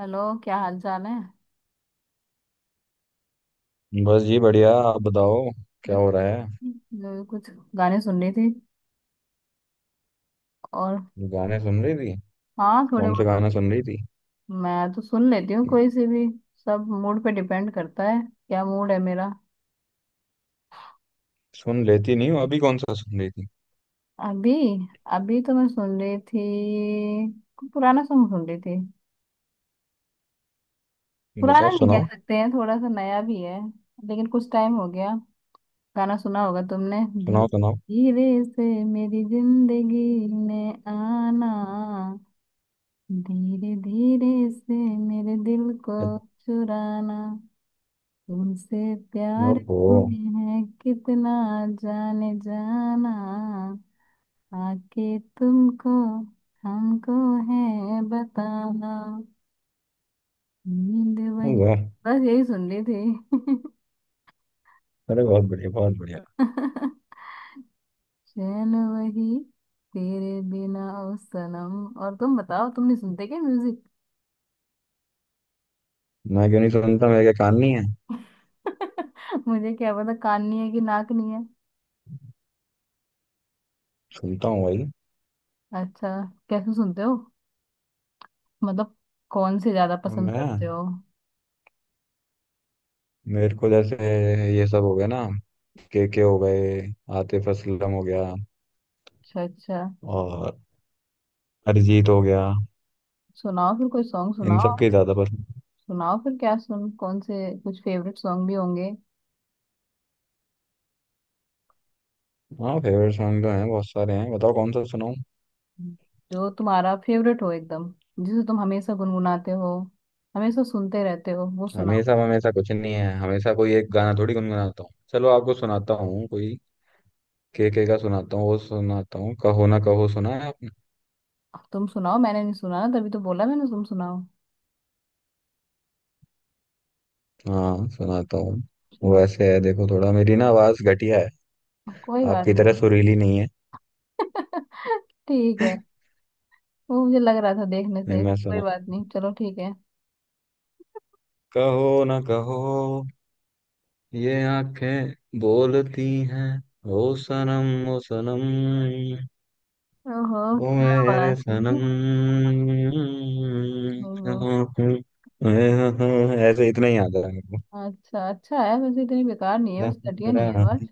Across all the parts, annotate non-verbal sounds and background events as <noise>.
Hello, क्या हाल चाल है। बस जी बढ़िया। आप बताओ क्या बस हो रहा है। मैं तो कुछ गाने सुन रही थी और गाने सुन रही थी। हाँ, थोड़े कौन से बहुत। गाना सुन रही थी। मैं तो सुन लेती हूँ कोई से भी, सब मूड पे डिपेंड करता है, क्या मूड है मेरा। सुन लेती नहीं हूँ, अभी कौन सा सुन रही थी। अभी अभी तो मैं सुन रही थी, कोई पुराना सॉन्ग सुन रही थी। पुराना बताओ नहीं कह सुनाओ। सकते हैं, थोड़ा सा नया भी है लेकिन कुछ टाइम हो गया। गाना सुना होगा तुमने, सुनाओ सुनाओ। धीरे से मेरी जिंदगी में आना, धीरे धीरे से मेरे दिल को चुराना, तुमसे प्यार ओहो। में है कितना जाने जाना, आके तुमको हमको है बताना, नींद वही। वाह। बस यही सुन ली थी। अरे बहुत बढ़िया, बहुत बढ़िया। <laughs> चैन वही, तेरे बिना ओ सनम। और तुम बताओ, तुम नहीं सुनते क्या म्यूजिक? मैं क्यों नहीं सुनता, मेरे क्या कान नहीं है। <laughs> मुझे क्या पता, कान नहीं है कि नाक नहीं। सुनता हूँ भाई। अच्छा, कैसे सुनते हो, मतलब कौन से ज्यादा और पसंद करते मैं, हो? मेरे को जैसे ये सब हो गया ना, के हो गए, आतिफ असलम हो गया, अच्छा अच्छा, और अरिजीत हो गया। सुनाओ फिर कोई सॉन्ग इन सुनाओ। सब के ज्यादा पसंद। सुनाओ फिर क्या सुन कौन से, कुछ फेवरेट सॉन्ग भी होंगे, हाँ फेवरेट सॉन्ग तो हैं, बहुत सारे हैं, बताओ कौन सा सुनाऊं। जो तुम्हारा फेवरेट हो एकदम, जिसे तुम हमेशा गुनगुनाते हो, हमेशा सुनते रहते हो वो सुनाओ। हमेशा हमेशा कुछ नहीं है, हमेशा कोई एक गाना थोड़ी गुनगुनाता हूँ। चलो आपको सुनाता हूँ कोई। के का सुनाता हूँ, वो सुनाता हूँ, कहो ना कहो, सुना है आपने। अब तुम सुनाओ, मैंने नहीं सुना ना, तभी तो बोला मैंने तुम सुनाओ। हाँ सुनाता हूँ। वो सुनाओ। ऐसे है देखो, थोड़ा मेरी ना आवाज घटिया है, कोई बात आपकी तरह नहीं। सुरीली नहीं है। <laughs> ठीक है, वो मुझे लग रहा था देखने से नहीं ही। मैं कोई सुना, बात नहीं, चलो ठीक है। कहो ना कहो, ये आंखें बोलती हैं, ओ सनम ओ सनम, ओहो, ओ क्या मेरे बात है। सनम। ओहो। ऐसे इतना ही आता है। अच्छा, अच्छा है वैसे, इतनी बेकार नहीं है, वैसे घटिया नहीं है आवाज। रात-।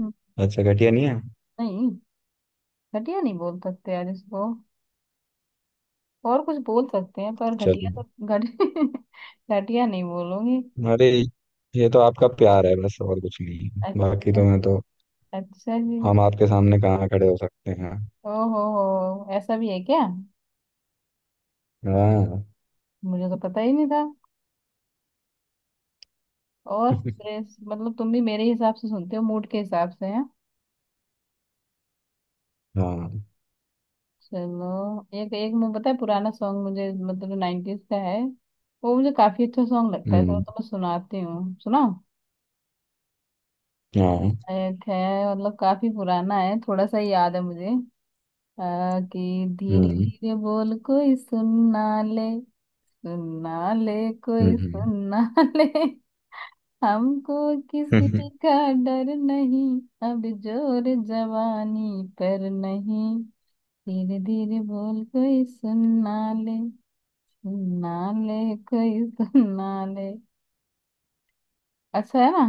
हम्म। अच्छा घटिया नहीं है। नहीं, घटिया नहीं बोल सकते यार इसको, और कुछ बोल सकते हैं पर घटिया चलो। तो घट <laughs> घटिया नहीं बोलोगे। अरे ये तो आपका प्यार है, बस और कुछ नहीं। बाकी अच्छा तो जी, मैं अच्छा जी। हम आपके सामने कहाँ खड़े हो सकते हैं। ओहो हो, ऐसा भी है क्या? हाँ। मुझे तो पता ही नहीं था। और <laughs> प्रेस मतलब तुम भी मेरे हिसाब से सुनते हो, मूड के हिसाब से हैं। हाँ। चलो। एक एक मैं पता है, पुराना सॉन्ग मुझे, मतलब 90s का है, वो मुझे काफी अच्छा सॉन्ग लगता है, तो, हम्म। तो मैं सुनाती हूँ सुना। हाँ। एक है, मतलब काफी पुराना है, थोड़ा सा याद है मुझे। कि धीरे हम्म। धीरे बोल कोई सुनना ले, सुनना ले, कोई हम्म। सुनना <laughs> ले, हमको किसी हम्म। <laughs> का डर नहीं, अब जोर जवानी पर नहीं, धीरे धीरे बोल कोई सुनना ले, सुनना ले कोई सुनना ले। अच्छा है ना?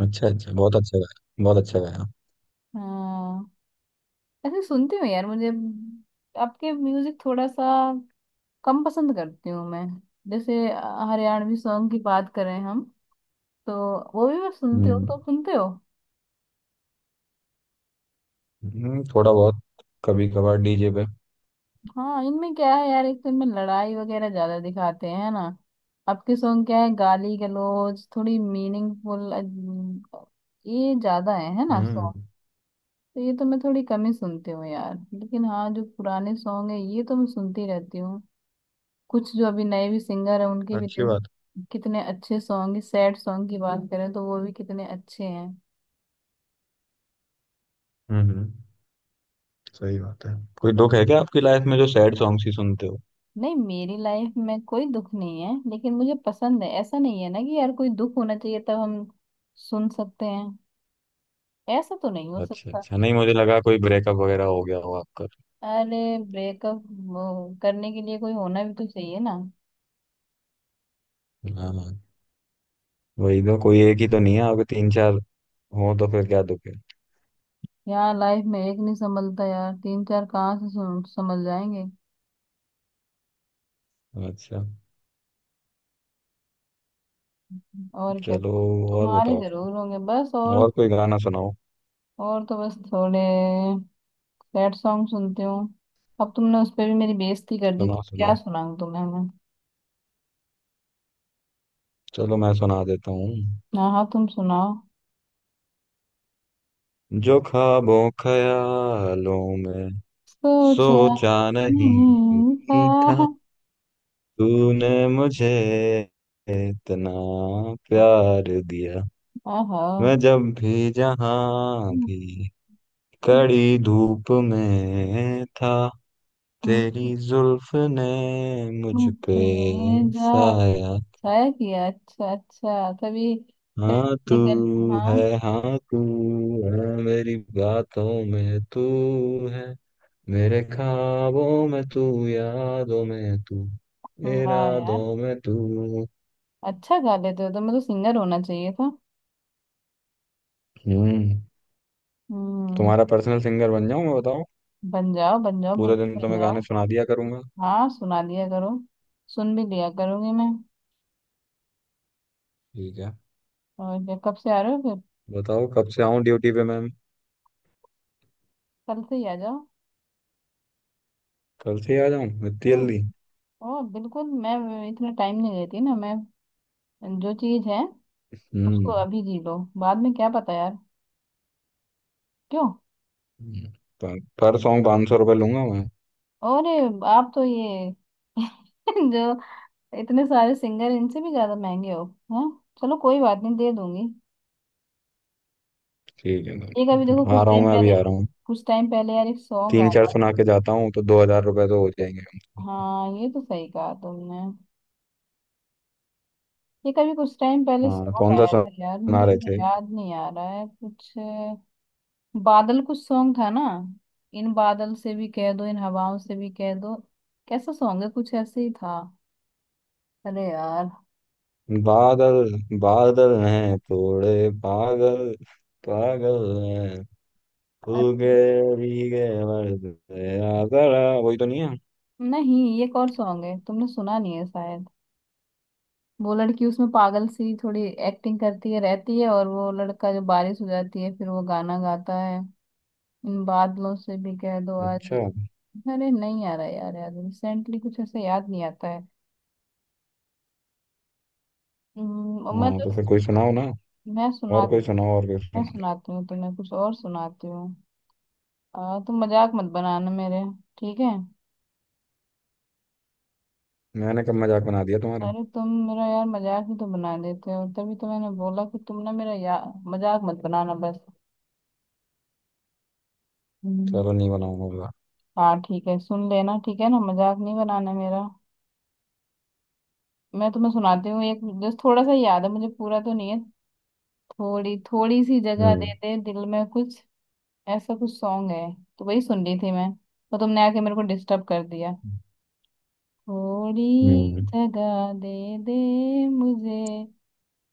अच्छा अच्छा, बहुत अच्छा गाया, बहुत अच्छा गाया। हाँ, ऐसे सुनती हूँ यार मुझे। आपके म्यूजिक थोड़ा सा कम पसंद करती हूँ मैं। जैसे हरियाणवी सॉन्ग की बात करें हम तो, वो भी मैं सुनती हूँ, हम्म। तो सुनते हो? थोड़ा बहुत, कभी कभार डीजे पे। हाँ, इनमें क्या है यार, एक तो इनमें लड़ाई वगैरह ज्यादा दिखाते हैं, है ना? आपके सॉन्ग क्या है गाली गलौज, थोड़ी मीनिंगफुल ये ज्यादा है ना हम्म। सॉन्ग। तो ये तो मैं थोड़ी कम ही सुनती हूँ यार, लेकिन हाँ, जो पुराने सॉन्ग है ये तो मैं सुनती रहती हूँ। कुछ जो अभी नए भी सिंगर है, उनके भी अच्छी देखो, बात। कितने अच्छे सॉन्ग, सैड सॉन्ग की बात करें तो वो भी कितने अच्छे हैं। हम्म। सही बात है। कोई दुख है क्या आपकी लाइफ में, जो सैड सॉन्ग्स ही सुनते हो। नहीं, मेरी लाइफ में कोई दुख नहीं है, लेकिन मुझे पसंद है, ऐसा नहीं है ना कि यार कोई दुख होना चाहिए तब हम सुन सकते हैं, ऐसा तो नहीं हो अच्छा सकता। अच्छा, नहीं मुझे लगा कोई ब्रेकअप वगैरह हो गया हो आपका। अरे, ब्रेकअप करने के लिए कोई होना भी तो चाहिए ना। हाँ हाँ, वही तो, कोई एक ही तो नहीं है आपके, तीन चार हो तो फिर क्या दुख है। यहाँ लाइफ में एक नहीं संभलता यार, तीन चार कहाँ से संभल जाएंगे। अच्छा। और क्या, चलो और तुम्हारे बताओ जरूर फिर। होंगे, बस। और कोई गाना सुनाओ। और तो बस थोड़े सैड सॉन्ग सुनती हूँ। अब तुमने उस पर भी मेरी बेइज्जती कर दी, तो सुनाओ क्या सुनाओ। सुनाऊँ तुम्हें मैं? चलो मैं सुना देता हूँ। हाँ हाँ, तुम सुनाओ। जो ख्वाबों ख्यालों में सोचा सोचा नहीं नहीं था, था। तूने मुझे इतना प्यार दिया। आहा। मैं जब भी जहां हम्म। भी कड़ी धूप में था, तेरी जुल्फ ने मुझ पे बेजा साया। शायर किया, अच्छा अच्छा तभी हाँ पहले तू निकल। हाँ। है, हाँ तू है, मेरी बातों में तू है, मेरे ख्वाबों में तू, यादों में तू, वाह यार, इरादों में तू। अच्छा गा लेते हो, तुम्हें तो सिंगर होना चाहिए था। हम्म। हम्म। तुम्हारा पर्सनल सिंगर बन जाऊं मैं, बताओ। बन जाओ बन जाओ, पूरे दिन बिल्कुल तो बन मैं जाओ। गाने सुना दिया करूंगा। हाँ, सुना दिया करो, सुन भी लिया करूंगी मैं। ठीक है। और क्या, कब से आ रहे हो फिर? बताओ कब से आऊं ड्यूटी पे मैम। कल से ही आ जाओ। कल से ही आ जाऊं, इतनी ओ, जल्दी। ओ बिल्कुल, मैं इतना टाइम नहीं लेती ना मैं, जो चीज़ है उसको हम्म। अभी जी लो, बाद में क्या पता यार, क्यों। हम्म, पर सॉन्ग 500 रुपये लूंगा मैं। और ये आप तो ये <laughs> जो इतने सारे सिंगर, इनसे भी ज्यादा महंगे हो। हाँ, चलो कोई बात नहीं, दे दूंगी। ठीक एक है अभी देखो तो कुछ आ रहा हूँ, टाइम मैं अभी पहले, आ रहा हूँ। कुछ टाइम पहले यार एक सॉन्ग तीन चार आया सुना था। के जाता हूँ तो 2,000 रुपये तो हो जाएंगे। हाँ, ये तो सही कहा तुमने। एक अभी कुछ टाइम पहले हाँ सॉन्ग कौन सा आया था यार, मुझे सुना रहे अभी थे। याद नहीं आ रहा है कुछ, बादल कुछ सॉन्ग था ना। इन बादल से भी कह दो, इन हवाओं से भी कह दो, कैसा सॉन्ग है, कुछ ऐसे ही था। अरे यार। बादल, बादल हैं थोड़े पागल, पागल हैं, उगे भीगे मर्द, आजरा वही तो नहीं है। नहीं, ये एक और सॉन्ग है, तुमने सुना नहीं है शायद। वो लड़की उसमें पागल सी थोड़ी एक्टिंग करती है रहती है, और वो लड़का जो बारिश हो जाती है, फिर वो गाना गाता है, इन बादलों से भी कह दो आज। अच्छा। अरे नहीं आ रहा यार, यार रिसेंटली कुछ ऐसे याद नहीं आता है। मैं हाँ तो तो फिर कोई सुनाओ ना। मैं सुना और कोई सुनाओ, और कोई मैं सुनाओ। सुनाती हूँ तुम्हें, कुछ और सुनाती हूँ। तुम मजाक मत बनाना मेरे, ठीक है? मैंने कब मजाक बना दिया तुम्हारा। अरे, तुम मेरा यार मजाक ही तो बना देते हो, तभी तो मैंने बोला कि तुम ना मेरा या मजाक मत बनाना बस। हम्म। चलो नहीं बनाऊंगा अब। हाँ ठीक है, सुन लेना, ठीक है ना, मजाक नहीं बनाना मेरा। मैं तुम्हें सुनाती हूँ एक, बस थोड़ा सा याद है मुझे, पूरा तो नहीं है। थोड़ी थोड़ी सी जगह दे हम्म। दे दिल में, कुछ ऐसा कुछ सॉन्ग है, तो वही सुन रही थी मैं, तो तुमने आके मेरे को डिस्टर्ब कर दिया। थोड़ी हम्म। जगह दे दे मुझे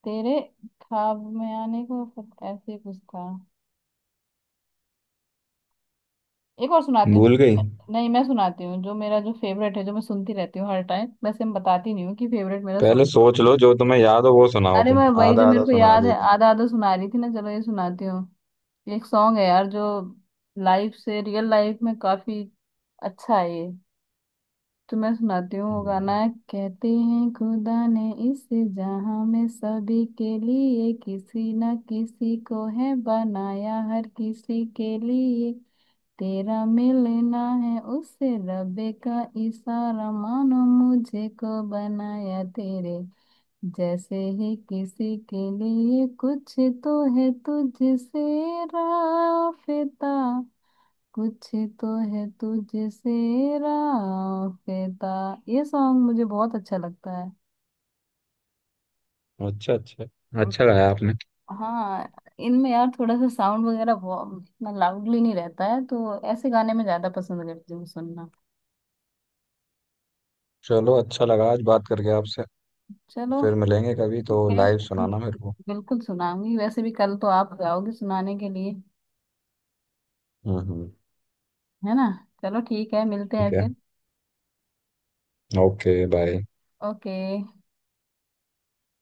तेरे ख्वाब में आने को, फिर ऐसे कुछ था। एक और सुनाती हूँ। भूल गई। तो- नहीं, मैं सुनाती हूँ जो मेरा जो फेवरेट है, जो मैं सुनती रहती हूँ हर टाइम, वैसे मैं बताती नहीं हूँ कि फेवरेट मेरा पहले सॉन्ग। सोच लो, जो तुम्हें याद हो वो सुनाओ, अरे, तुम मैं वही जो आधा मेरे आधा को सुना याद है देती। आधा आधा सुना रही थी ना, चलो ये सुनाती हूँ। ये एक सॉन्ग है यार, जो लाइफ से रियल लाइफ में काफी अच्छा है ये, तो मैं सुनाती हूँ। वो गाना हम्म, है, कहते हैं खुदा ने इस जहां में सभी के लिए किसी न किसी को है बनाया हर किसी के लिए, तेरा मिलना है उससे रबे का इशारा मानो, मुझे को बनाया तेरे जैसे ही किसी के लिए, कुछ तो है तुझसे राफेता, कुछ तो है तुझसे राफेता। ये सॉन्ग मुझे बहुत अच्छा लगता है। अच्छा अच्छा। अम, अच्छा गाया आपने। हाँ, इनमें यार थोड़ा सा साउंड वगैरह बहुत इतना लाउडली नहीं रहता है, तो ऐसे गाने में ज्यादा पसंद करती हूँ सुनना। चलो अच्छा लगा आज बात करके आपसे। चलो फिर मिलेंगे कभी ठीक तो है। लाइव सुनाना मेरे को। बिल्कुल सुनाऊंगी, वैसे भी कल तो आप जाओगे सुनाने के लिए, हम्म हम्म, है ना? चलो ठीक है, मिलते हैं ठीक है। फिर। Okay bye. ओके।